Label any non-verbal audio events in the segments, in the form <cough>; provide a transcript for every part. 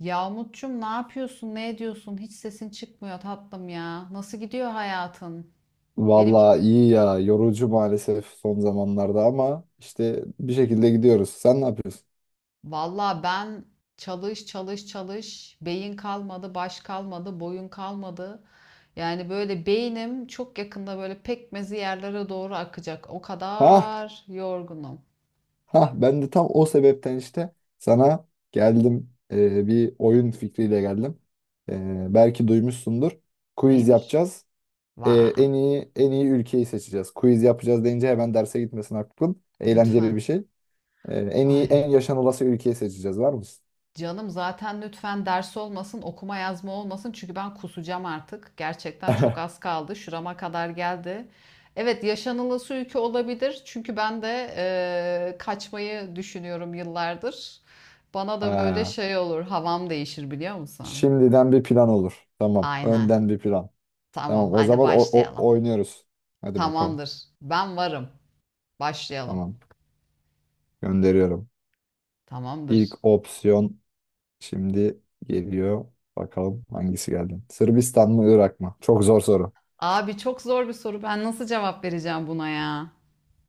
Yahmutçum ne yapıyorsun? Ne ediyorsun? Hiç sesin çıkmıyor tatlım ya. Nasıl gidiyor hayatın? Benimki Vallahi iyi ya. Yorucu maalesef son zamanlarda ama işte bir şekilde gidiyoruz. Sen ne yapıyorsun? valla ben çalış çalış çalış. Beyin kalmadı, baş kalmadı, boyun kalmadı. Yani böyle beynim çok yakında böyle pekmezi yerlere doğru akacak. O Ha, kadar yorgunum. ha ben de tam o sebepten işte sana geldim. Bir oyun fikriyle geldim. Belki duymuşsundur. Quiz Neymiş? yapacağız. Ee, Vah. en iyi ülkeyi seçeceğiz. Quiz yapacağız deyince hemen derse gitmesin aklın. Eğlenceli Lütfen. bir şey. Ee, en iyi Ay. en yaşanılası ülkeyi seçeceğiz. Var mısın? Canım zaten lütfen ders olmasın, okuma yazma olmasın çünkü ben kusacağım artık. Gerçekten çok <laughs> az kaldı. Şurama kadar geldi. Evet, yaşanılası ülke olabilir. Çünkü ben de kaçmayı düşünüyorum yıllardır. Bana da böyle Ha, şey olur, havam değişir biliyor musun? şimdiden bir plan olur. Tamam. Aynen. Önden bir plan. Tamam, Tamam o hadi zaman başlayalım. oynuyoruz. Hadi bakalım. Tamamdır. Ben varım. Başlayalım. Tamam. Gönderiyorum. Tamamdır. İlk opsiyon şimdi geliyor. Bakalım hangisi geldi. Sırbistan mı Irak mı? Çok zor soru. Abi çok zor bir soru. Ben nasıl cevap vereceğim buna ya?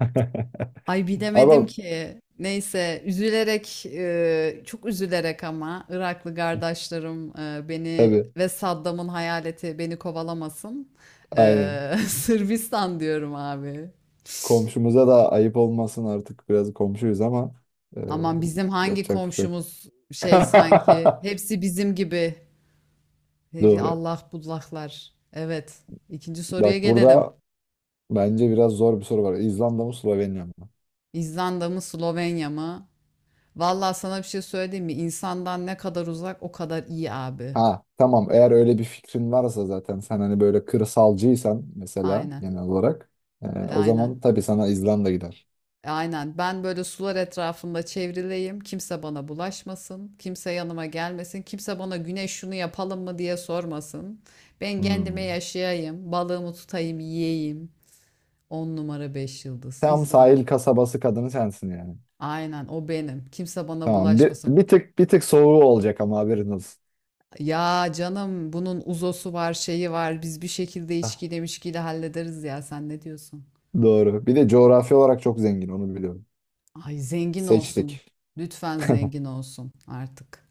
<laughs> Ay bilemedim Ama ki. Neyse üzülerek çok üzülerek ama Iraklı kardeşlerim beni tabii ve Saddam'ın hayaleti beni kovalamasın. aynen. <laughs> Sırbistan diyorum abi. Komşumuza da ayıp olmasın artık biraz komşuyuz ama e, Aman bizim hangi yapacak bir şey yok. komşumuz şey sanki <laughs> hepsi bizim gibi. Hey, Doğru. Allah bullaklar. Evet. İkinci soruya Bak gelelim. burada bence biraz zor bir soru var. İzlanda mı Slovenya mı? İzlanda mı Slovenya mı? Vallahi sana bir şey söyleyeyim mi? İnsandan ne kadar uzak o kadar iyi abi. Ha tamam, eğer öyle bir fikrin varsa zaten sen hani böyle kırsalcıysan mesela Aynen. genel olarak, o Aynen. zaman tabii sana İzlanda gider. Aynen. Ben böyle sular etrafında çevrileyim. Kimse bana bulaşmasın. Kimse yanıma gelmesin. Kimse bana güneş şunu yapalım mı diye sormasın. Ben kendime Hmm. yaşayayım. Balığımı tutayım, yiyeyim. 10 numara 5 yıldız. Tam sahil İzlanda. kasabası kadını sensin yani. Aynen o benim. Kimse bana Tamam, bir, bulaşmasın. bir tık bir tık soğuğu olacak ama haberin olsun. Ya canım bunun uzosu var, şeyi var. Biz bir şekilde Ah, içkiyle mişkiyle hallederiz ya. Sen ne diyorsun? doğru. Bir de coğrafi olarak çok zengin, onu biliyorum. Ay zengin olsun. Seçtik. Lütfen zengin olsun artık.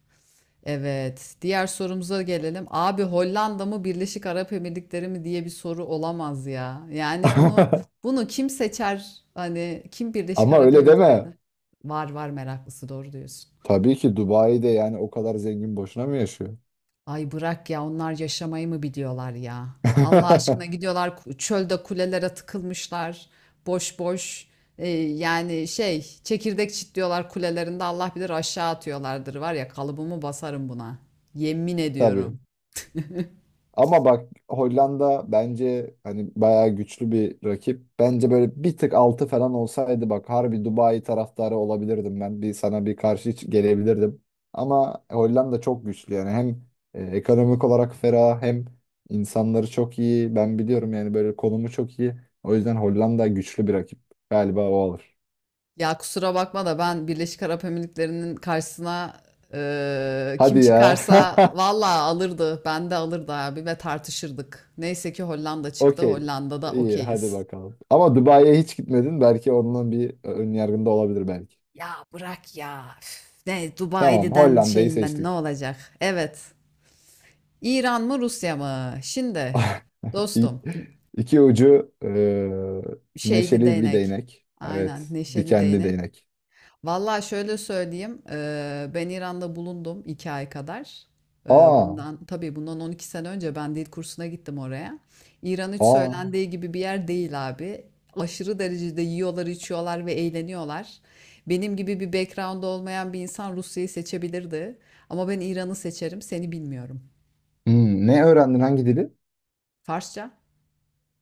Evet. Diğer sorumuza gelelim. Abi Hollanda mı Birleşik Arap Emirlikleri mi diye bir soru olamaz ya. Yani bunu <laughs> bunu kim seçer? Hani kim Birleşik Ama Arap öyle Emirlikleri'den? deme. Var var meraklısı, doğru diyorsun. Tabii ki Dubai'de yani, o kadar zengin boşuna mı yaşıyor? Ay bırak ya, onlar yaşamayı mı biliyorlar ya? Allah aşkına <laughs> gidiyorlar, çölde kulelere tıkılmışlar. Boş boş yani şey, çekirdek çitliyorlar kulelerinde, Allah bilir aşağı atıyorlardır, var ya, kalıbımı basarım buna. Yemin Tabii. ediyorum. Ama bak Hollanda bence hani bayağı güçlü bir rakip. Bence böyle bir tık altı falan olsaydı bak harbi Dubai taraftarı olabilirdim ben. Bir sana bir karşı hiç gelebilirdim. Ama Hollanda çok güçlü yani, hem ekonomik olarak ferah hem insanları çok iyi. Ben biliyorum yani, böyle konumu çok iyi. O yüzden Hollanda güçlü bir rakip. Galiba o alır. Ya kusura bakma da ben Birleşik Arap Emirlikleri'nin karşısına kim Hadi ya. çıkarsa vallahi alırdı. Ben de alırdı abi ve tartışırdık. Neyse ki Hollanda <laughs> çıktı. Okey. Hollanda'da İyi, hadi okeyiz. bakalım. Ama Dubai'ye hiç gitmedin. Belki onunla bir ön yargında olabilir belki. Ya bırak ya. Üf, ne Tamam, Dubai'den Hollanda'yı şeyinden ne seçtik. olacak? Evet. İran mı Rusya mı? Şimdi <laughs> İ- dostum, İki ucu şeyli neşeli bir değnek. değnek. Aynen, Evet, neşeli dikenli değnek. değnek. Vallahi şöyle söyleyeyim, ben İran'da bulundum 2 ay kadar. Aa, Bundan 12 sene önce ben dil kursuna gittim oraya. İran hiç aa. söylendiği gibi bir yer değil abi. Aşırı derecede yiyorlar, içiyorlar ve eğleniyorlar. Benim gibi bir background olmayan bir insan Rusya'yı seçebilirdi. Ama ben İran'ı seçerim, seni bilmiyorum. Hmm, ne öğrendin, hangi dili? Farsça?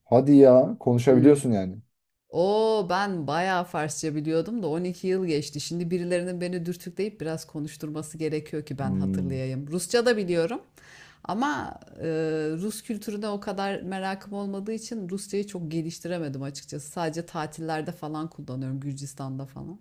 Hadi ya, Hmm. konuşabiliyorsun yani. Oo, ben bayağı Farsça biliyordum da 12 yıl geçti. Şimdi birilerinin beni dürtükleyip biraz konuşturması gerekiyor ki ben Hmm. hatırlayayım. Rusça da biliyorum ama Rus kültürüne o kadar merakım olmadığı için Rusçayı çok geliştiremedim açıkçası. Sadece tatillerde falan kullanıyorum, Gürcistan'da falan.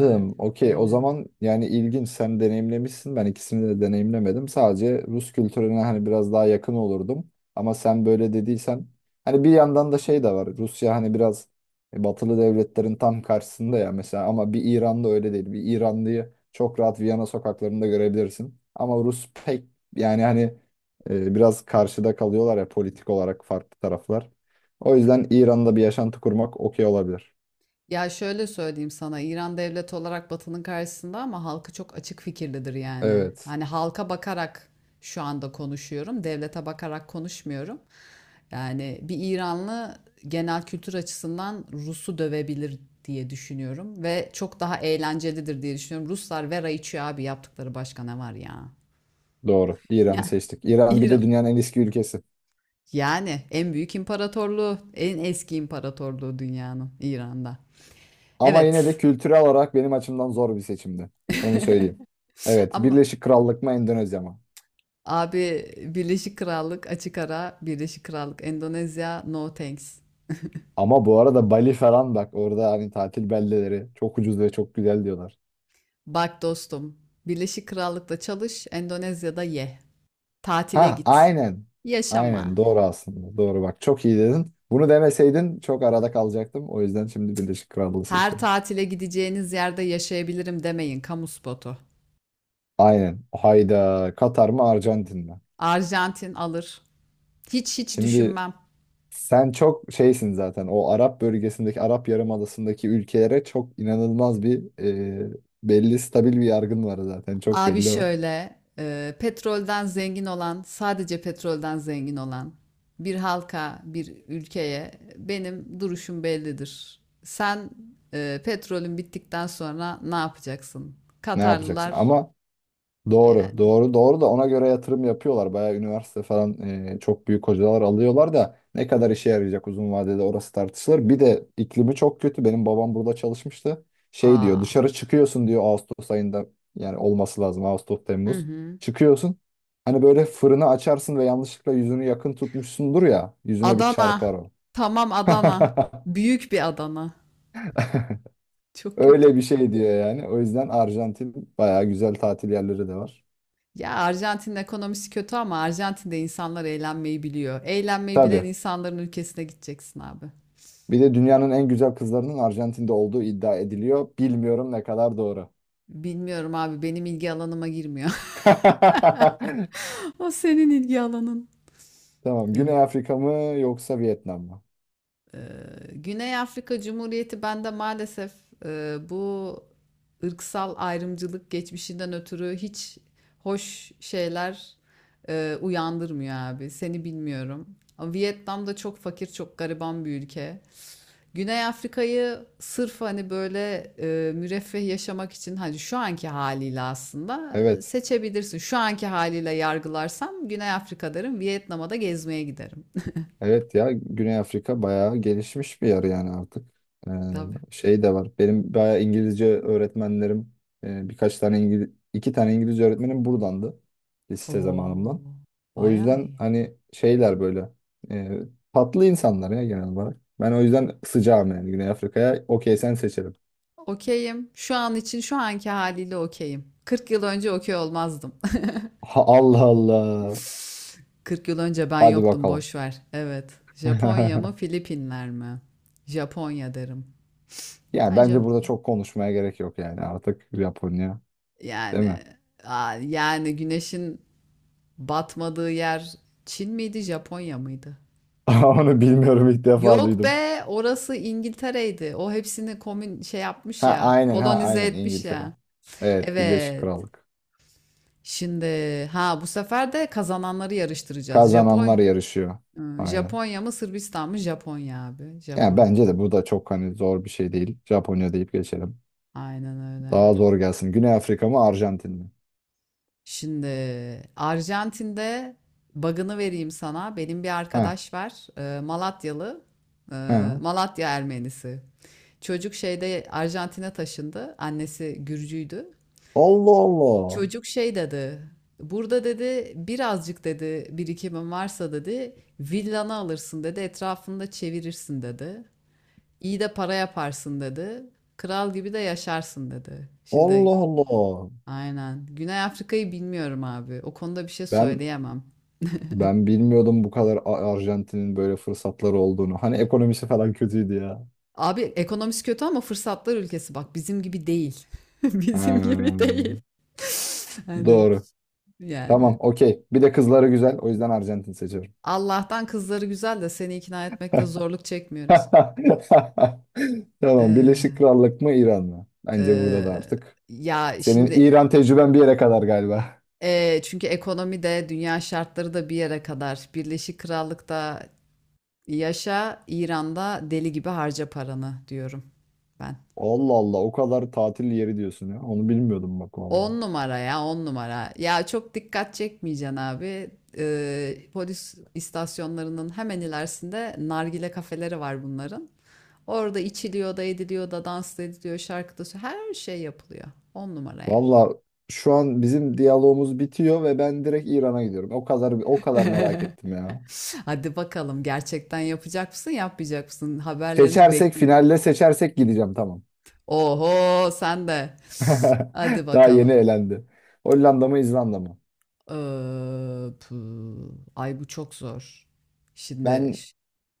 Öyle. Okey. O Aynen. zaman yani ilginç. Sen deneyimlemişsin. Ben ikisini de deneyimlemedim. Sadece Rus kültürüne hani biraz daha yakın olurdum. Ama sen böyle dediysen hani bir yandan da şey de var. Rusya hani biraz batılı devletlerin tam karşısında ya mesela, ama bir İran'da öyle değil. Bir İranlıyı çok rahat Viyana sokaklarında görebilirsin. Ama Rus pek yani hani biraz karşıda kalıyorlar ya, politik olarak farklı taraflar. O yüzden İran'da bir yaşantı kurmak okey olabilir. Ya şöyle söyleyeyim sana, İran devlet olarak Batı'nın karşısında ama halkı çok açık fikirlidir yani. Evet. Hani halka bakarak şu anda konuşuyorum, devlete bakarak konuşmuyorum. Yani bir İranlı genel kültür açısından Rus'u dövebilir diye düşünüyorum ve çok daha eğlencelidir diye düşünüyorum. Ruslar vera içiyor abi, yaptıkları başka ne var ya? Doğru. <laughs> İran'ı Yani seçtik. İran bir de İran. dünyanın en eski ülkesi. Yani en büyük imparatorluğu, en eski imparatorluğu dünyanın İran'da. Ama yine de Evet. kültürel olarak benim açımdan zor bir seçimdi. Onu söyleyeyim. <laughs> Evet, Ama Birleşik Krallık mı Endonezya mı? abi, Birleşik Krallık açık ara Birleşik Krallık, Endonezya no thanks. Ama bu arada Bali falan bak, orada hani tatil beldeleri çok ucuz ve çok güzel diyorlar. Bak dostum, Birleşik Krallık'ta çalış, Endonezya'da ye. Tatile Ha, git. aynen. Aynen, Yaşama. doğru aslında. Doğru, bak çok iyi dedin. Bunu demeseydin çok arada kalacaktım. O yüzden şimdi Birleşik Krallığı Her seçiyorum. tatile gideceğiniz yerde yaşayabilirim demeyin, kamu spotu. Aynen. Hayda. Katar mı Arjantin mi? Arjantin alır. Hiç hiç Şimdi düşünmem. sen çok şeysin zaten. O Arap bölgesindeki, Arap Yarımadası'ndaki ülkelere çok inanılmaz bir e, belli stabil bir yargın var zaten. Çok Abi belli o. şöyle, petrolden zengin olan, sadece petrolden zengin olan bir halka, bir ülkeye benim duruşum bellidir. Sen petrolün bittikten sonra ne yapacaksın? Ne yapacaksın? Katarlılar Ama doğru, yani. doğru, doğru da ona göre yatırım yapıyorlar. Bayağı üniversite falan çok büyük hocalar alıyorlar da ne kadar işe yarayacak uzun vadede, orası tartışılır. Bir de iklimi çok kötü. Benim babam burada çalışmıştı. Şey diyor, Aa. dışarı çıkıyorsun diyor Ağustos ayında, yani olması lazım Ağustos Hı Temmuz. hı. Çıkıyorsun. Hani böyle fırını açarsın ve yanlışlıkla yüzünü yakın tutmuşsundur ya, yüzüne bir Adana. çarpar o. Tamam, Adana. <laughs> Büyük bir Adana. Çok kötü. Öyle bir şey diyor yani. O yüzden Arjantin, bayağı güzel tatil yerleri de var. Ya Arjantin'in ekonomisi kötü ama Arjantin'de insanlar eğlenmeyi biliyor. Eğlenmeyi bilen Tabii. insanların ülkesine gideceksin abi. Bir de dünyanın en güzel kızlarının Arjantin'de olduğu iddia ediliyor. Bilmiyorum ne kadar doğru. Bilmiyorum abi, benim ilgi alanıma girmiyor. <laughs> <laughs> O senin ilgi alanın. Tamam. Güney Evet. Afrika mı yoksa Vietnam mı? Ee, Güney Afrika Cumhuriyeti bende maalesef bu ırksal ayrımcılık geçmişinden ötürü hiç hoş şeyler uyandırmıyor abi. Seni bilmiyorum. Ama Vietnam da çok fakir, çok gariban bir ülke. Güney Afrika'yı sırf hani böyle müreffeh yaşamak için, hani şu anki haliyle aslında Evet. seçebilirsin. Şu anki haliyle yargılarsam Güney Afrika derim, Vietnam'a da gezmeye giderim. Evet ya, Güney Afrika bayağı gelişmiş bir yer yani artık. Ee, <laughs> Tabii. Şey de var. Benim bayağı İngilizce öğretmenlerim, birkaç tane İngiliz, iki tane İngilizce öğretmenim buradandı. Lise zamanımdan. Oo, O bayağı yüzden iyi. hani şeyler böyle e, tatlı insanlar ya genel olarak. Ben o yüzden sıcağım yani Güney Afrika'ya. Okey, sen seçelim. Okeyim. Şu an için şu anki haliyle okeyim. 40 yıl önce okey olmazdım. Ha, Allah Allah. <laughs> 40 yıl önce ben Hadi yoktum, bakalım. boş ver. Evet. Japonya mı, <laughs> Filipinler mi? Japonya derim. Yani Bence bence burada çok konuşmaya gerek yok yani artık Japonya, değil mi? yani yani güneşin batmadığı yer Çin miydi, Japonya mıydı? <laughs> Onu bilmiyorum, ilk defa Yok duydum. be, orası İngiltere'ydi. O hepsini komün şey yapmış Ha ya, aynen, ha kolonize aynen etmiş İngiltere. ya. Evet, Birleşik Evet. Krallık. Şimdi, ha, bu sefer de kazananları yarıştıracağız. Kazananlar yarışıyor. Aynen. Japonya mı Sırbistan mı? Japonya abi. Yani Japonya. bence de bu da çok hani zor bir şey değil. Japonya deyip geçelim. Aynen öyle. Daha zor gelsin. Güney Afrika mı Arjantin mi? Şimdi Arjantin'de bug'ını vereyim sana. Benim bir Ha arkadaş var. Malatyalı. e, ha. Malatya Ermenisi. Çocuk şeyde Arjantin'e taşındı. Annesi Gürcüydü. Allah Allah. Çocuk şey dedi. Burada dedi birazcık dedi birikimin varsa dedi villanı alırsın dedi etrafında çevirirsin dedi. İyi de para yaparsın dedi. Kral gibi de yaşarsın dedi. Şimdi Allah Allah. aynen. Güney Afrika'yı bilmiyorum abi. O konuda bir şey Ben söyleyemem. Ben bilmiyordum bu kadar Arjantin'in böyle fırsatları olduğunu. Hani ekonomisi falan kötüydü ya. Abi ekonomisi kötü ama fırsatlar ülkesi, bak bizim gibi değil. <laughs> Ha, Bizim gibi değil. <laughs> Hani, doğru. yani, Tamam, okey. Bir de kızları güzel. O yüzden Arjantin seçiyorum. Allah'tan kızları güzel de seni ikna etmekte zorluk çekmiyoruz. <laughs> Tamam, Birleşik Eee, Krallık mı İran mı? Bence burada da eee, artık. ya Senin şimdi İran tecrüben bir yere kadar galiba. Çünkü ekonomi de dünya şartları da bir yere kadar. Birleşik Krallık'ta yaşa, İran'da deli gibi harca paranı diyorum ben. Allah Allah, o kadar tatil yeri diyorsun ya. Onu bilmiyordum bak valla. 10 numara ya, 10 numara. Ya çok dikkat çekmeyeceksin abi. Polis istasyonlarının hemen ilerisinde nargile kafeleri var bunların. Orada içiliyor da ediliyor da, dans ediliyor, şarkıda da her şey yapılıyor. On numara yer. Valla şu an bizim diyalogumuz bitiyor ve ben direkt İran'a gidiyorum. O kadar, o kadar merak <laughs> ettim ya. Hadi bakalım, gerçekten yapacak mısın yapmayacak mısın? Haberlerini Seçersek, bekleyeceğim. finalde seçersek gideceğim tamam. Oho, sen de. Hadi <laughs> Daha yeni bakalım. elendi. Hollanda mı İzlanda mı? Pü. Ay, bu çok zor. Şimdi Ben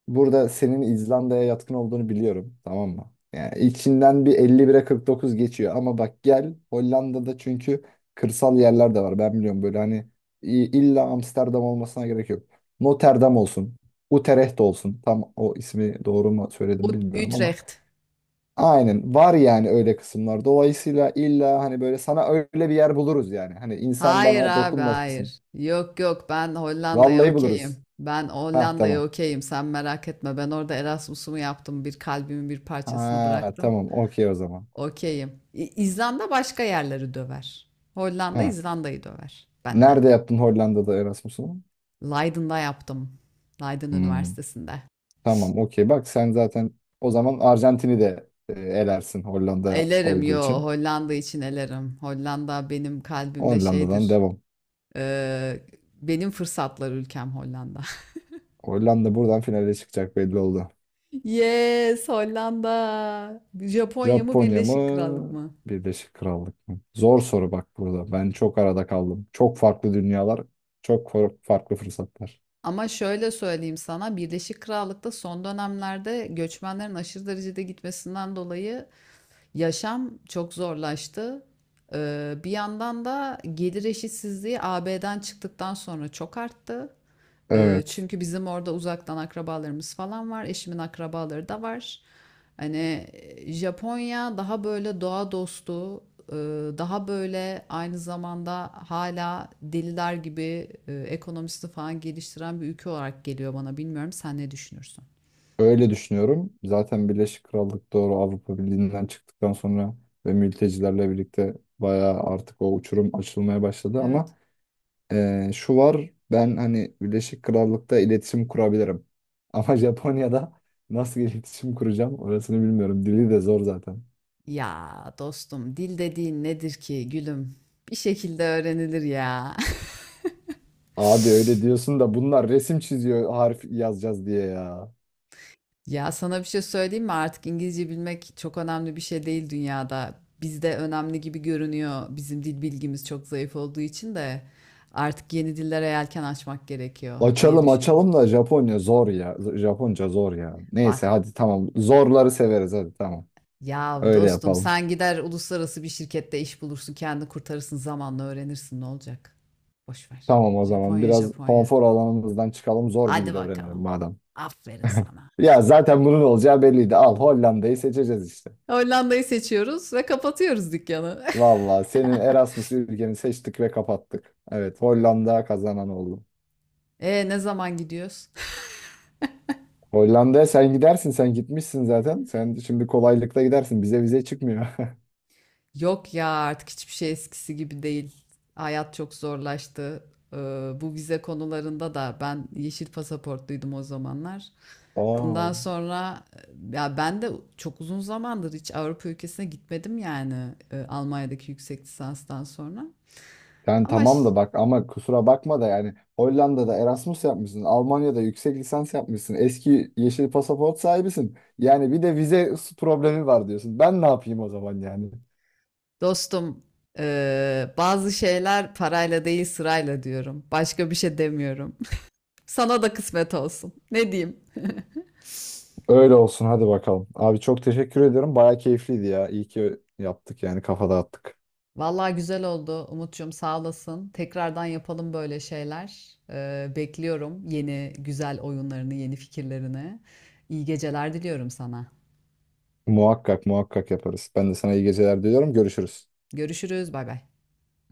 burada senin İzlanda'ya yatkın olduğunu biliyorum tamam mı? Yani içinden bir 51'e 49 geçiyor ama bak gel Hollanda'da çünkü kırsal yerler de var ben biliyorum, böyle hani i- illa Amsterdam olmasına gerek yok. Rotterdam olsun, Utrecht olsun, tam o ismi doğru mu söyledim bilmiyorum ama Utrecht. aynen, var yani öyle kısımlar. Dolayısıyla illa hani böyle, sana öyle bir yer buluruz yani. Hani insan Hayır bana abi, dokunmasın. hayır. Yok yok, ben Hollanda'ya Vallahi buluruz. okeyim. Ben Ha Hollanda'ya tamam. okeyim. Sen merak etme. Ben orada Erasmus'umu yaptım. Bir kalbimin bir parçasını Ha bıraktım. tamam, okey o zaman. Okeyim. İzlanda başka yerleri döver. Hollanda Ha. İzlanda'yı döver. Ben de. Nerede yaptın Hollanda'da Erasmus'unu? Leiden'da yaptım. Leiden Hmm, Üniversitesi'nde. tamam okey, bak sen zaten o zaman Arjantin'i de elersin Hollanda Elerim, olduğu yo, için. Hollanda için elerim. Hollanda benim kalbimde Hollanda'dan şeydir. devam. Ee, benim fırsatlar ülkem Hollanda. Hollanda buradan finale çıkacak, belli oldu. Yes, Hollanda. Japonya mı Japonya Birleşik Krallık mı? mı? Birleşik Krallık mı? Zor soru bak burada. Ben çok arada kaldım. Çok farklı dünyalar, farklı fırsatlar. Ama şöyle söyleyeyim sana, Birleşik Krallık'ta son dönemlerde göçmenlerin aşırı derecede gitmesinden dolayı yaşam çok zorlaştı. Bir yandan da gelir eşitsizliği AB'den çıktıktan sonra çok arttı. Evet. Çünkü bizim orada uzaktan akrabalarımız falan var. Eşimin akrabaları da var. Hani Japonya daha böyle doğa dostu, e, daha böyle aynı zamanda hala deliler gibi ekonomisi falan geliştiren bir ülke olarak geliyor bana. Bilmiyorum, sen ne düşünürsün? Öyle düşünüyorum. Zaten Birleşik Krallık doğru, Avrupa Birliği'nden çıktıktan sonra ve mültecilerle birlikte bayağı artık o uçurum açılmaya başladı Evet. ama şu var, ben hani Birleşik Krallık'ta iletişim kurabilirim. Ama <laughs> Japonya'da nasıl iletişim kuracağım orasını bilmiyorum. Dili de zor zaten. Ya dostum, dil dediğin nedir ki gülüm? Bir şekilde öğrenilir ya. <laughs> Abi öyle diyorsun da bunlar resim çiziyor, harf yazacağız diye ya. Ya, sana bir şey söyleyeyim mi? Artık İngilizce bilmek çok önemli bir şey değil dünyada. Bizde önemli gibi görünüyor. Bizim dil bilgimiz çok zayıf olduğu için de artık yeni dillere yelken açmak gerekiyor diye Açalım düşünüyorum. açalım da Japonya zor ya. Japonca zor ya. Bak Neyse hadi tamam. Zorları severiz, hadi tamam. ya Öyle dostum, yapalım. sen gider uluslararası bir şirkette iş bulursun, kendini kurtarırsın, zamanla öğrenirsin, ne olacak? Boş ver. Tamam o zaman, Japonya, biraz Japonya. konfor alanımızdan çıkalım, zor bir Hadi dil öğrenelim bakalım. madem. Aferin sana. Ya zaten bunun olacağı belliydi. Al, Hollanda'yı seçeceğiz işte. Hollanda'yı seçiyoruz ve kapatıyoruz dükkanı. <laughs> Valla senin Erasmus ülkeni seçtik ve kapattık. Evet, Hollanda kazanan oldu. E, ne zaman gidiyoruz? Hollanda'ya sen gidersin, sen gitmişsin zaten. Sen şimdi kolaylıkla gidersin, bize vize çıkmıyor. <laughs> <laughs> Yok ya, artık hiçbir şey eskisi gibi değil. Hayat çok zorlaştı. Ee, bu vize konularında da ben yeşil pasaportluydum o zamanlar. Bundan Oo. sonra ya ben de çok uzun zamandır hiç Avrupa ülkesine gitmedim yani, Almanya'daki yüksek lisanstan sonra. Yani Ama tamam da bak ama kusura bakma da yani, Hollanda'da Erasmus yapmışsın, Almanya'da yüksek lisans yapmışsın, eski yeşil pasaport sahibisin. Yani bir de vize problemi var diyorsun. Ben ne yapayım o zaman yani? dostum, bazı şeyler parayla değil sırayla diyorum. Başka bir şey demiyorum. Sana da kısmet olsun. Ne diyeyim? Öyle olsun, hadi bakalım. Abi çok teşekkür ediyorum. Baya keyifliydi ya. İyi ki yaptık yani, kafa dağıttık. Vallahi güzel oldu Umut'cum, sağ olasın. Tekrardan yapalım böyle şeyler. Bekliyorum yeni güzel oyunlarını, yeni fikirlerini. İyi geceler diliyorum sana. Muhakkak muhakkak yaparız. Ben de sana iyi geceler diliyorum. Görüşürüz. Görüşürüz. Bay bay.